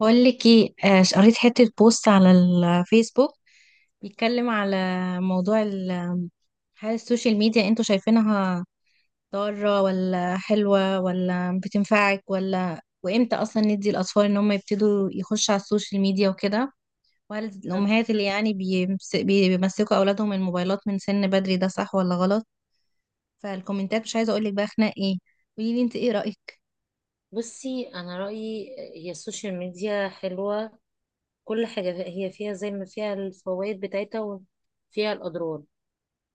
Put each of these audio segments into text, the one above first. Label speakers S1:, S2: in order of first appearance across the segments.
S1: بقول لك ايه، قريت حتة بوست على الفيسبوك بيتكلم على موضوع هل السوشيال ميديا انتوا شايفينها ضارة ولا حلوة ولا بتنفعك ولا، وامتى اصلا ندي الاطفال ان هم يبتدوا يخشوا على السوشيال ميديا وكده، وهل الامهات اللي يعني بيمسكوا اولادهم الموبايلات من سن بدري ده صح ولا غلط؟ فالكومنتات مش عايزة اقول لك بقى خناق ايه! قولي لي انت ايه رأيك؟
S2: بصي انا رايي، هي السوشيال ميديا حلوه. كل حاجه هي فيها زي ما فيها الفوائد بتاعتها وفيها الاضرار.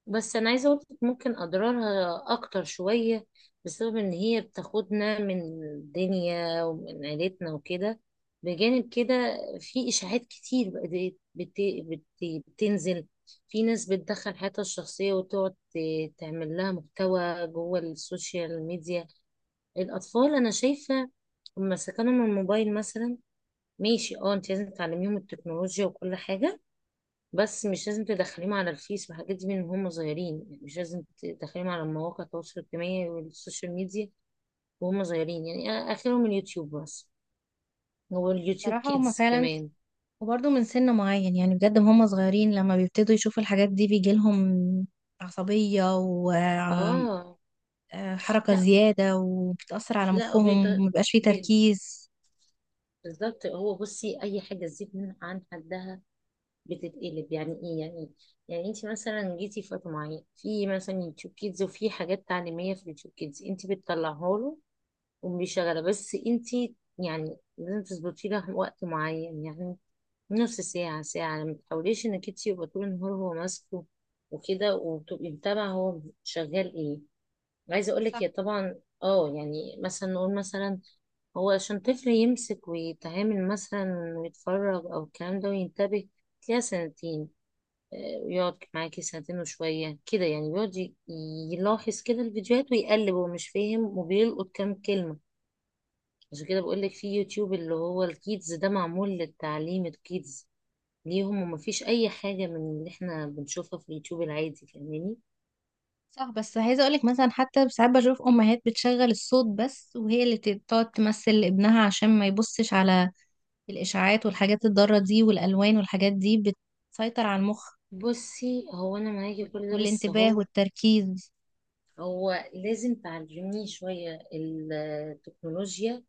S2: بس انا عايزه اقول لك ممكن اضرارها اكتر شويه، بسبب ان هي بتاخدنا من الدنيا ومن عيلتنا وكده. بجانب كده في اشاعات كتير بقت بت... بت... بتنزل. في ناس بتدخل حياتها الشخصيه وتقعد تعمل لها محتوى جوه السوشيال ميديا. الأطفال أنا شايفة لما سكنهم الموبايل مثلا، ماشي، اه انت لازم تعلميهم التكنولوجيا وكل حاجة، بس مش لازم تدخليهم على الفيس والحاجات دي من هم صغيرين. يعني مش لازم تدخليهم على مواقع التواصل الاجتماعي والسوشيال ميديا وهم صغيرين. يعني أنا آخرهم اليوتيوب بس، هو اليوتيوب
S1: بصراحة هما
S2: كيدز
S1: فعلا،
S2: كمان.
S1: وبرضه من سن معين يعني بجد هم صغيرين لما بيبتدوا يشوفوا الحاجات دي بيجيلهم عصبية وحركة
S2: اه، لا
S1: زيادة وبتأثر على
S2: لا،
S1: مخهم ومبيبقاش فيه
S2: بي-
S1: تركيز.
S2: بالظبط. هو بصي أي حاجة تزيد من عن حدها بتتقلب. يعني ايه يعني ايه يعني انت مثلا جيتي في وقت معين في مثلا يوتيوب كيدز، وفي حاجات تعليميه في اليوتيوب كيدز انت بتطلعها له وبيشغلها. بس انت يعني لازم تظبطي له وقت معين، يعني نص ساعه ساعه. ما تحاوليش انك انت يبقى طول النهار هو ماسكه وكده، وتبقي متابعه هو شغال ايه. عايزه اقول
S1: صح،
S2: لك هي طبعا، اه يعني مثلا نقول مثلا هو عشان طفل يمسك ويتعامل مثلا ويتفرج او الكلام ده وينتبه، تلاقيها سنتين يقعد معاكي ساعتين وشوية كده. يعني بيقعد يلاحظ كده الفيديوهات ويقلب، هو مش فاهم وبيلقط كام كلمة. عشان كده بقولك في يوتيوب اللي هو الكيدز ده، معمول للتعليم الكيدز ليهم، ومفيش أي حاجة من اللي احنا بنشوفها في اليوتيوب العادي. فاهماني؟
S1: صح. بس عايزة أقولك مثلا، حتى ساعات بشوف أمهات بتشغل الصوت بس وهي اللي تقعد تمثل لابنها عشان ما يبصش على الإشاعات والحاجات الضارة دي، والألوان والحاجات دي بتسيطر على المخ
S2: بصي هو أنا معاكي في كل ده، بس
S1: والانتباه
S2: هو،
S1: والتركيز.
S2: هو لازم تعلميه شوية التكنولوجيا.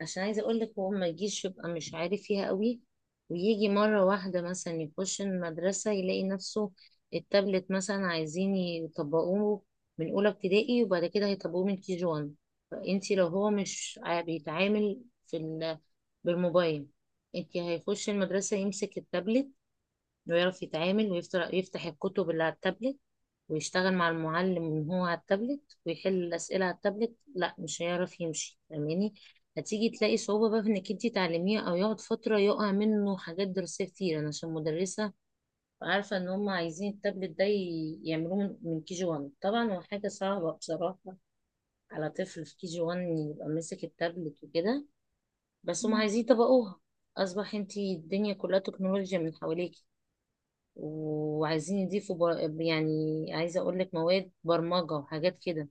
S2: عشان عايزة اقول لك هو ما يجيش يبقى مش عارف فيها قوي، ويجي مرة واحدة مثلا يخش المدرسة يلاقي نفسه التابلت مثلا عايزين يطبقوه من أولى ابتدائي، وبعد كده هيطبقوه من كي جي 1. فانتي لو هو مش بيتعامل في ال- بالموبايل، انتي هيخش المدرسة يمسك التابلت، انه يعرف يتعامل ويفتح الكتب اللي على التابلت، ويشتغل مع المعلم من هو على التابلت، ويحل الأسئلة على التابلت، لا مش هيعرف يمشي. فاهماني؟ هتيجي تلاقي صعوبة بقى في انك انتي تعلميه، او يقعد فترة يقع منه حاجات دراسية كتير. انا عشان مدرسة عارفة ان هم عايزين التابلت ده يعملوه من كي جي وان. طبعا هو حاجة صعبة بصراحة على طفل في كي جي وان يبقى ماسك التابلت وكده، بس هم
S1: مم.
S2: عايزين يطبقوها. اصبح انتي الدنيا كلها تكنولوجيا من حواليك، وعايزين يضيفوا يعني عايزة اقول لك مواد برمجة وحاجات كده.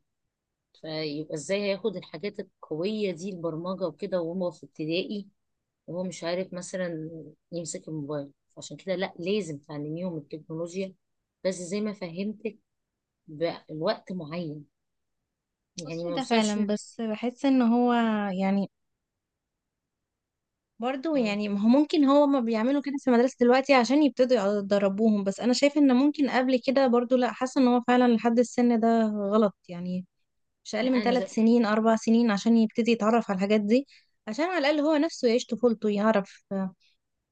S2: فيبقى ازاي هياخد الحاجات القوية دي البرمجة وكده وهو في ابتدائي، وهو مش عارف مثلا يمسك الموبايل؟ عشان كده لا، لازم تعلميهم التكنولوجيا، بس زي ما فهمتك بوقت معين، يعني
S1: بصي
S2: ما
S1: ده
S2: يوصلش
S1: فعلا، بس بحس ان هو يعني برضو
S2: اه.
S1: يعني ما هو ممكن، هو ما بيعملوا كده في المدرسة دلوقتي عشان يبتدوا يدربوهم، بس أنا شايفة إن ممكن قبل كده برضو لأ، حاسة إن هو فعلا لحد السن ده غلط يعني. مش أقل
S2: لا
S1: من
S2: انا
S1: ثلاث سنين 4 سنين عشان يبتدي يتعرف على الحاجات دي، عشان على الأقل هو نفسه يعيش طفولته، يعرف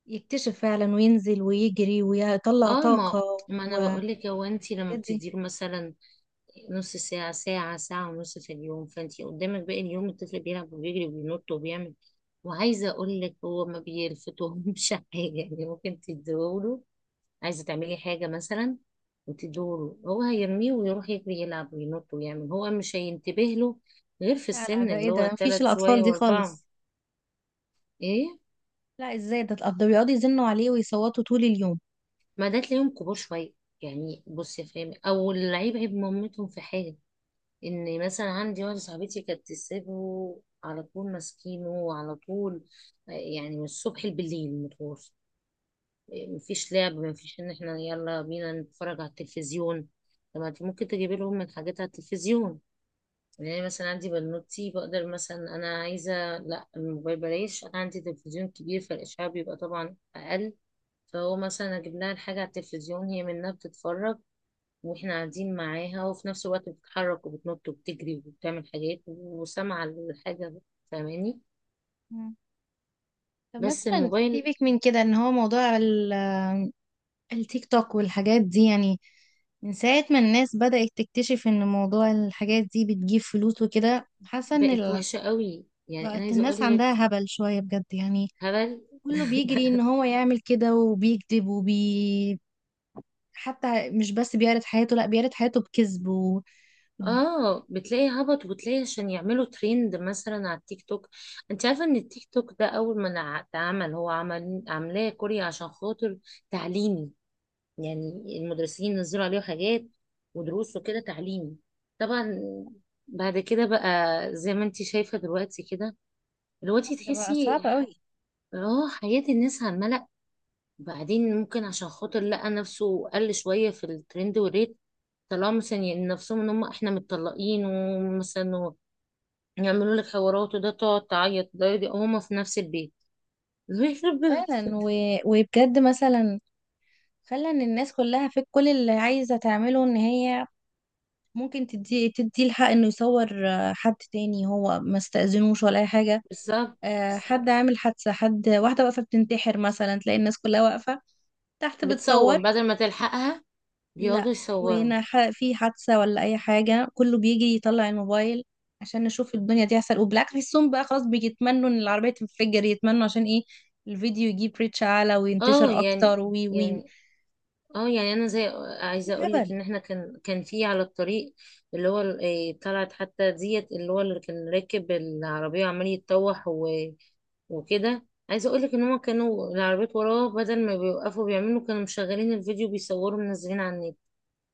S1: يكتشف فعلا وينزل ويجري ويطلع
S2: اه.
S1: طاقة
S2: ما انا
S1: والحاجات
S2: بقول لك، هو انت لما
S1: دي.
S2: بتديله مثلا نص ساعة، ساعة، ساعة ونص في اليوم، فانتي قدامك باقي اليوم الطفل بيلعب وبيجري وبينط وبيعمل. وعايزة اقول لك هو ما بيلفتهمش حاجة. يعني ممكن تديهوله، عايزة تعملي حاجة مثلا وتديهوله، هو هيرميه ويروح يجري يلعب وينط ويعمل، هو مش هينتبه له، غير في
S1: لا، لا،
S2: السن
S1: ده إيه
S2: اللي هو
S1: ده؟ مفيش
S2: تلات
S1: الأطفال
S2: شوية
S1: دي
S2: واربعة.
S1: خالص.
S2: ايه،
S1: لا، إزاي ده ده بيقعدوا يزنوا عليه ويصوتوا طول اليوم.
S2: ما ده تلاقيهم كبار شوية. يعني بصي يا فاهمة، او اللعيب عيب مامتهم في حاجة. ان مثلا عندي واحده صاحبتي كانت تسيبه على طول، ماسكينه على طول. آه، يعني من الصبح لبالليل متواصل. آه، مفيش لعب، مفيش ان احنا يلا بينا نتفرج على التلفزيون. طب ما انت ممكن تجيب لهم من حاجات على التلفزيون. يعني مثلا عندي بنوتي بقدر مثلا انا عايزه، لا الموبايل بلاش، انا عندي تلفزيون كبير فالاشعاع بيبقى طبعا اقل. فهو مثلا اجيب لها الحاجه على التلفزيون، هي منها بتتفرج، واحنا قاعدين معاها، وفي نفس الوقت بتتحرك وبتنط وبتجري وبتعمل حاجات وسامعة الحاجة. فاهماني؟
S1: مم. طب
S2: بس
S1: مثلا
S2: الموبايل
S1: سيبك من كده، ان هو موضوع التيك توك والحاجات دي يعني، من ساعة ما الناس بدأت تكتشف ان موضوع الحاجات دي بتجيب فلوس وكده، حاسة ان
S2: بقت وحشة قوي، يعني انا
S1: بقت
S2: عايزة
S1: الناس
S2: اقول لك
S1: عندها هبل شوية بجد يعني.
S2: هبل.
S1: كله بيجري ان هو يعمل كده وبيكذب حتى مش بس بيعرض حياته، لا بيعرض حياته بكذب.
S2: اه بتلاقي هبط، وبتلاقي عشان يعملوا ترند مثلا على التيك توك. انت عارفه ان التيك توك ده اول ما اتعمل، هو عمل عاملاه كوريا عشان خاطر تعليمي، يعني المدرسين نزلوا عليه حاجات ودروس وكده تعليمي. طبعا بعد كده بقى زي ما انت شايفة دلوقتي كده. دلوقتي
S1: ده بقى صعب
S2: تحسي
S1: قوي.
S2: اه حياة الناس على الملأ. بعدين ممكن عشان خاطر لقى نفسه قل شوية في الترند والريت، طلعوا مثلا يعني نفسهم ان هم احنا متطلقين، ومثلا يعملوا لك حوارات وده تقعد تعيط ده يدي، هما في نفس البيت. يخرب بيت.
S1: فعلا، وبجد مثلا خلى ان الناس كلها في كل اللي عايزة تعمله، ان هي ممكن تدي الحق انه يصور، حد تاني هو ما استأذنوش ولا اي حاجه.
S2: بالظبط.
S1: حد
S2: بالظبط.
S1: عامل حادثه، حد، واحده واقفه بتنتحر مثلا تلاقي الناس كلها واقفه تحت
S2: بتصور
S1: بتصور.
S2: بدل ما تلحقها، بيقعدوا
S1: لا
S2: يصوروا.
S1: وهنا في حادثه ولا اي حاجه كله بيجي يطلع الموبايل عشان نشوف الدنيا دي هيحصل. وبالعكس بيحسهم بقى خلاص، بيتمنوا ان العربيه تنفجر، يتمنوا عشان ايه؟ الفيديو يجيب ريتش اعلى
S2: اه
S1: وينتشر اكتر.
S2: يعني،
S1: وي وي
S2: يعني، اه يعني انا زي،
S1: في
S2: عايزه اقول لك
S1: هبل.
S2: ان احنا كان في على الطريق اللي هو إيه، طلعت حتى ديت اللي هو اللي كان راكب العربيه وعمال يتطوح وكده. عايزه اقول لك ان هما كانوا العربيات وراه بدل ما بيوقفوا بيعملوا، كانوا مشغلين الفيديو بيصوروا منزلين على النت.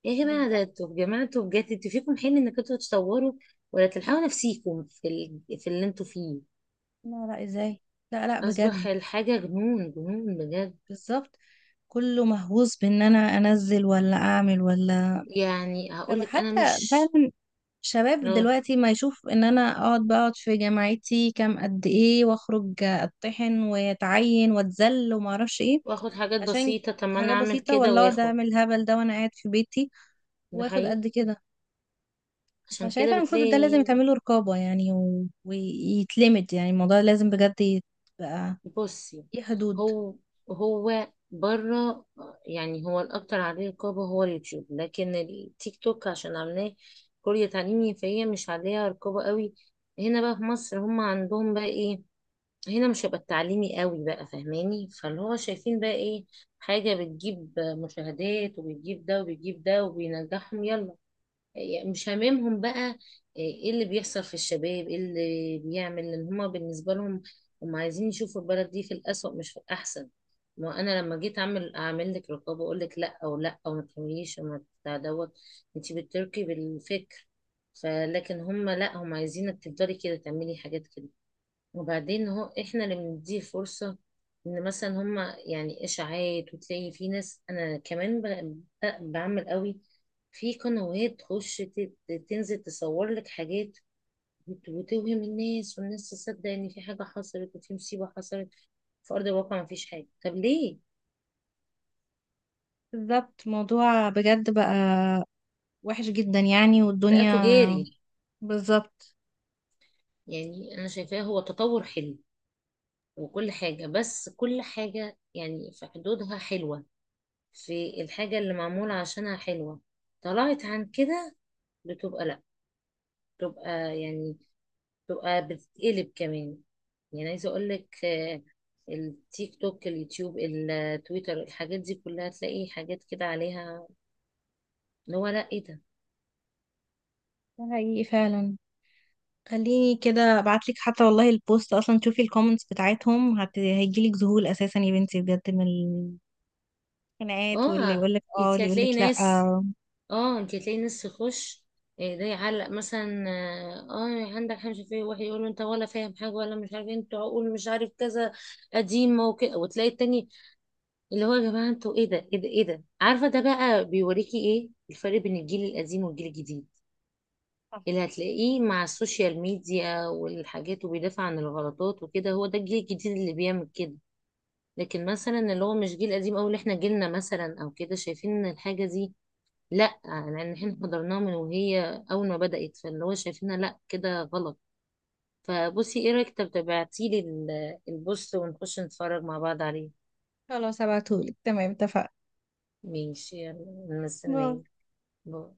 S2: يا جماعه
S1: بالظبط.
S2: ده انتوا، يا جماعه انتوا بجد، انتوا فيكم حين انك انتوا تصوروا ولا تلحقوا نفسيكم في في اللي انتوا فيه.
S1: لا، لا، ازاي؟ لا، لا، بجد.
S2: اصبح الحاجه جنون، جنون بجد.
S1: بالظبط. كله مهووس بان انا انزل ولا اعمل ولا.
S2: يعني هقول
S1: طب
S2: لك انا
S1: حتى
S2: مش،
S1: فعلا، شباب
S2: اه
S1: دلوقتي ما يشوف ان انا اقعد بقعد في جامعتي كام قد ايه، واخرج اتطحن واتعين واتذل وما اعرفش ايه
S2: واخد حاجات
S1: عشان
S2: بسيطة، طب ما انا
S1: حاجة
S2: اعمل
S1: بسيطة،
S2: كده
S1: ولا اقعد
S2: واخد.
S1: اعمل الهبل ده وانا قاعد في بيتي
S2: ده
S1: واخد
S2: حقيقي،
S1: قد كده.
S2: عشان كده
S1: فشايفة المفروض ده لازم
S2: بتلاقي،
S1: يتعمله رقابة يعني، ويتلمد، يعني الموضوع لازم بجد يبقى
S2: بصي
S1: ليه حدود.
S2: هو، هو بره. يعني هو الاكتر عليه رقابة هو اليوتيوب، لكن التيك توك عشان عاملاه كوريا تعليمي فهي مش عليها رقابة قوي. هنا بقى في مصر هم عندهم بقى ايه؟ هنا مش هيبقى التعليمي قوي بقى، فاهماني؟ فاللي هو شايفين بقى ايه، حاجة بتجيب مشاهدات وبتجيب ده وبتجيب ده، وبينجحهم يلا، يعني مش هاممهم بقى. آه، ايه اللي بيحصل في الشباب، ايه اللي بيعمل ان هما بالنسبة لهم هم عايزين يشوفوا البلد دي في الأسوأ مش في الأحسن. ما انا لما جيت اعمل، اعمل لك رقابة اقول لك لا او لا او ما تعمليش او ما بتاع دوت، انت بتركي بالفكر. فلكن هم لا، هم عايزينك تفضلي كده تعملي حاجات كده. وبعدين هو احنا اللي بنديه فرصة، ان مثلا هما يعني اشاعات، وتلاقي في ناس انا كمان بعمل قوي. في قنوات تخش تنزل تصور لك حاجات، وتوهم الناس، والناس تصدق ان في حاجة حصلت وفي مصيبة حصلت، في ارض الواقع ما فيش حاجة. طب ليه؟
S1: بالظبط. موضوع بجد بقى وحش جدا يعني
S2: بقى
S1: والدنيا.
S2: تجاري.
S1: بالظبط.
S2: يعني انا شايفاه هو تطور حلو وكل حاجة، بس كل حاجة يعني في حدودها حلوة، في الحاجة اللي معمولة عشانها حلوة. طلعت عن كده بتبقى لا، بتبقى يعني، بتبقى بتتقلب كمان. يعني عايزه اقول لك آه، التيك توك، اليوتيوب، التويتر، الحاجات دي كلها تلاقي حاجات كده عليها، اللي هو لا ايه ده.
S1: ده حقيقي فعلا. خليني كده ابعتلك حتى، والله البوست اصلا تشوفي الكومنتس بتاعتهم هيجيلك ذهول اساسا يا بنتي بجد، من الخناقات واللي
S2: اه
S1: يقولك اه
S2: انت
S1: واللي يقولك
S2: هتلاقي
S1: لا.
S2: ناس، تخش، آه، ده يعلق مثلا اه، آه، عندك حاجه فيه واحد يقول له انت ولا فاهم حاجه ولا مش عارف إيه، انت عقول مش عارف كذا قديمه وكده، وتلاقي التاني اللي هو يا جماعة انتوا، ايه ده ايه ده ايه ده. عارفة ده بقى بيوريكي ايه الفرق بين الجيل القديم والجيل الجديد، اللي هتلاقيه مع السوشيال ميديا والحاجات وبيدافع عن الغلطات وكده، هو ده الجيل الجديد اللي بيعمل كده. لكن مثلا اللي هو مش جيل قديم، او اللي احنا جيلنا مثلا او كده، شايفين ان الحاجة دي لا، لان احنا حضرناها من وهي اول ما بدأت، فاللي هو شايفينها لا كده غلط. فبصي ايه رأيك، طب تبعتيلي البوست، ونخش نتفرج مع بعض عليه.
S1: خلاص، هبعتهولك. تمام، اتفقنا.
S2: ماشي، يلا
S1: باي.
S2: مستنية. باي.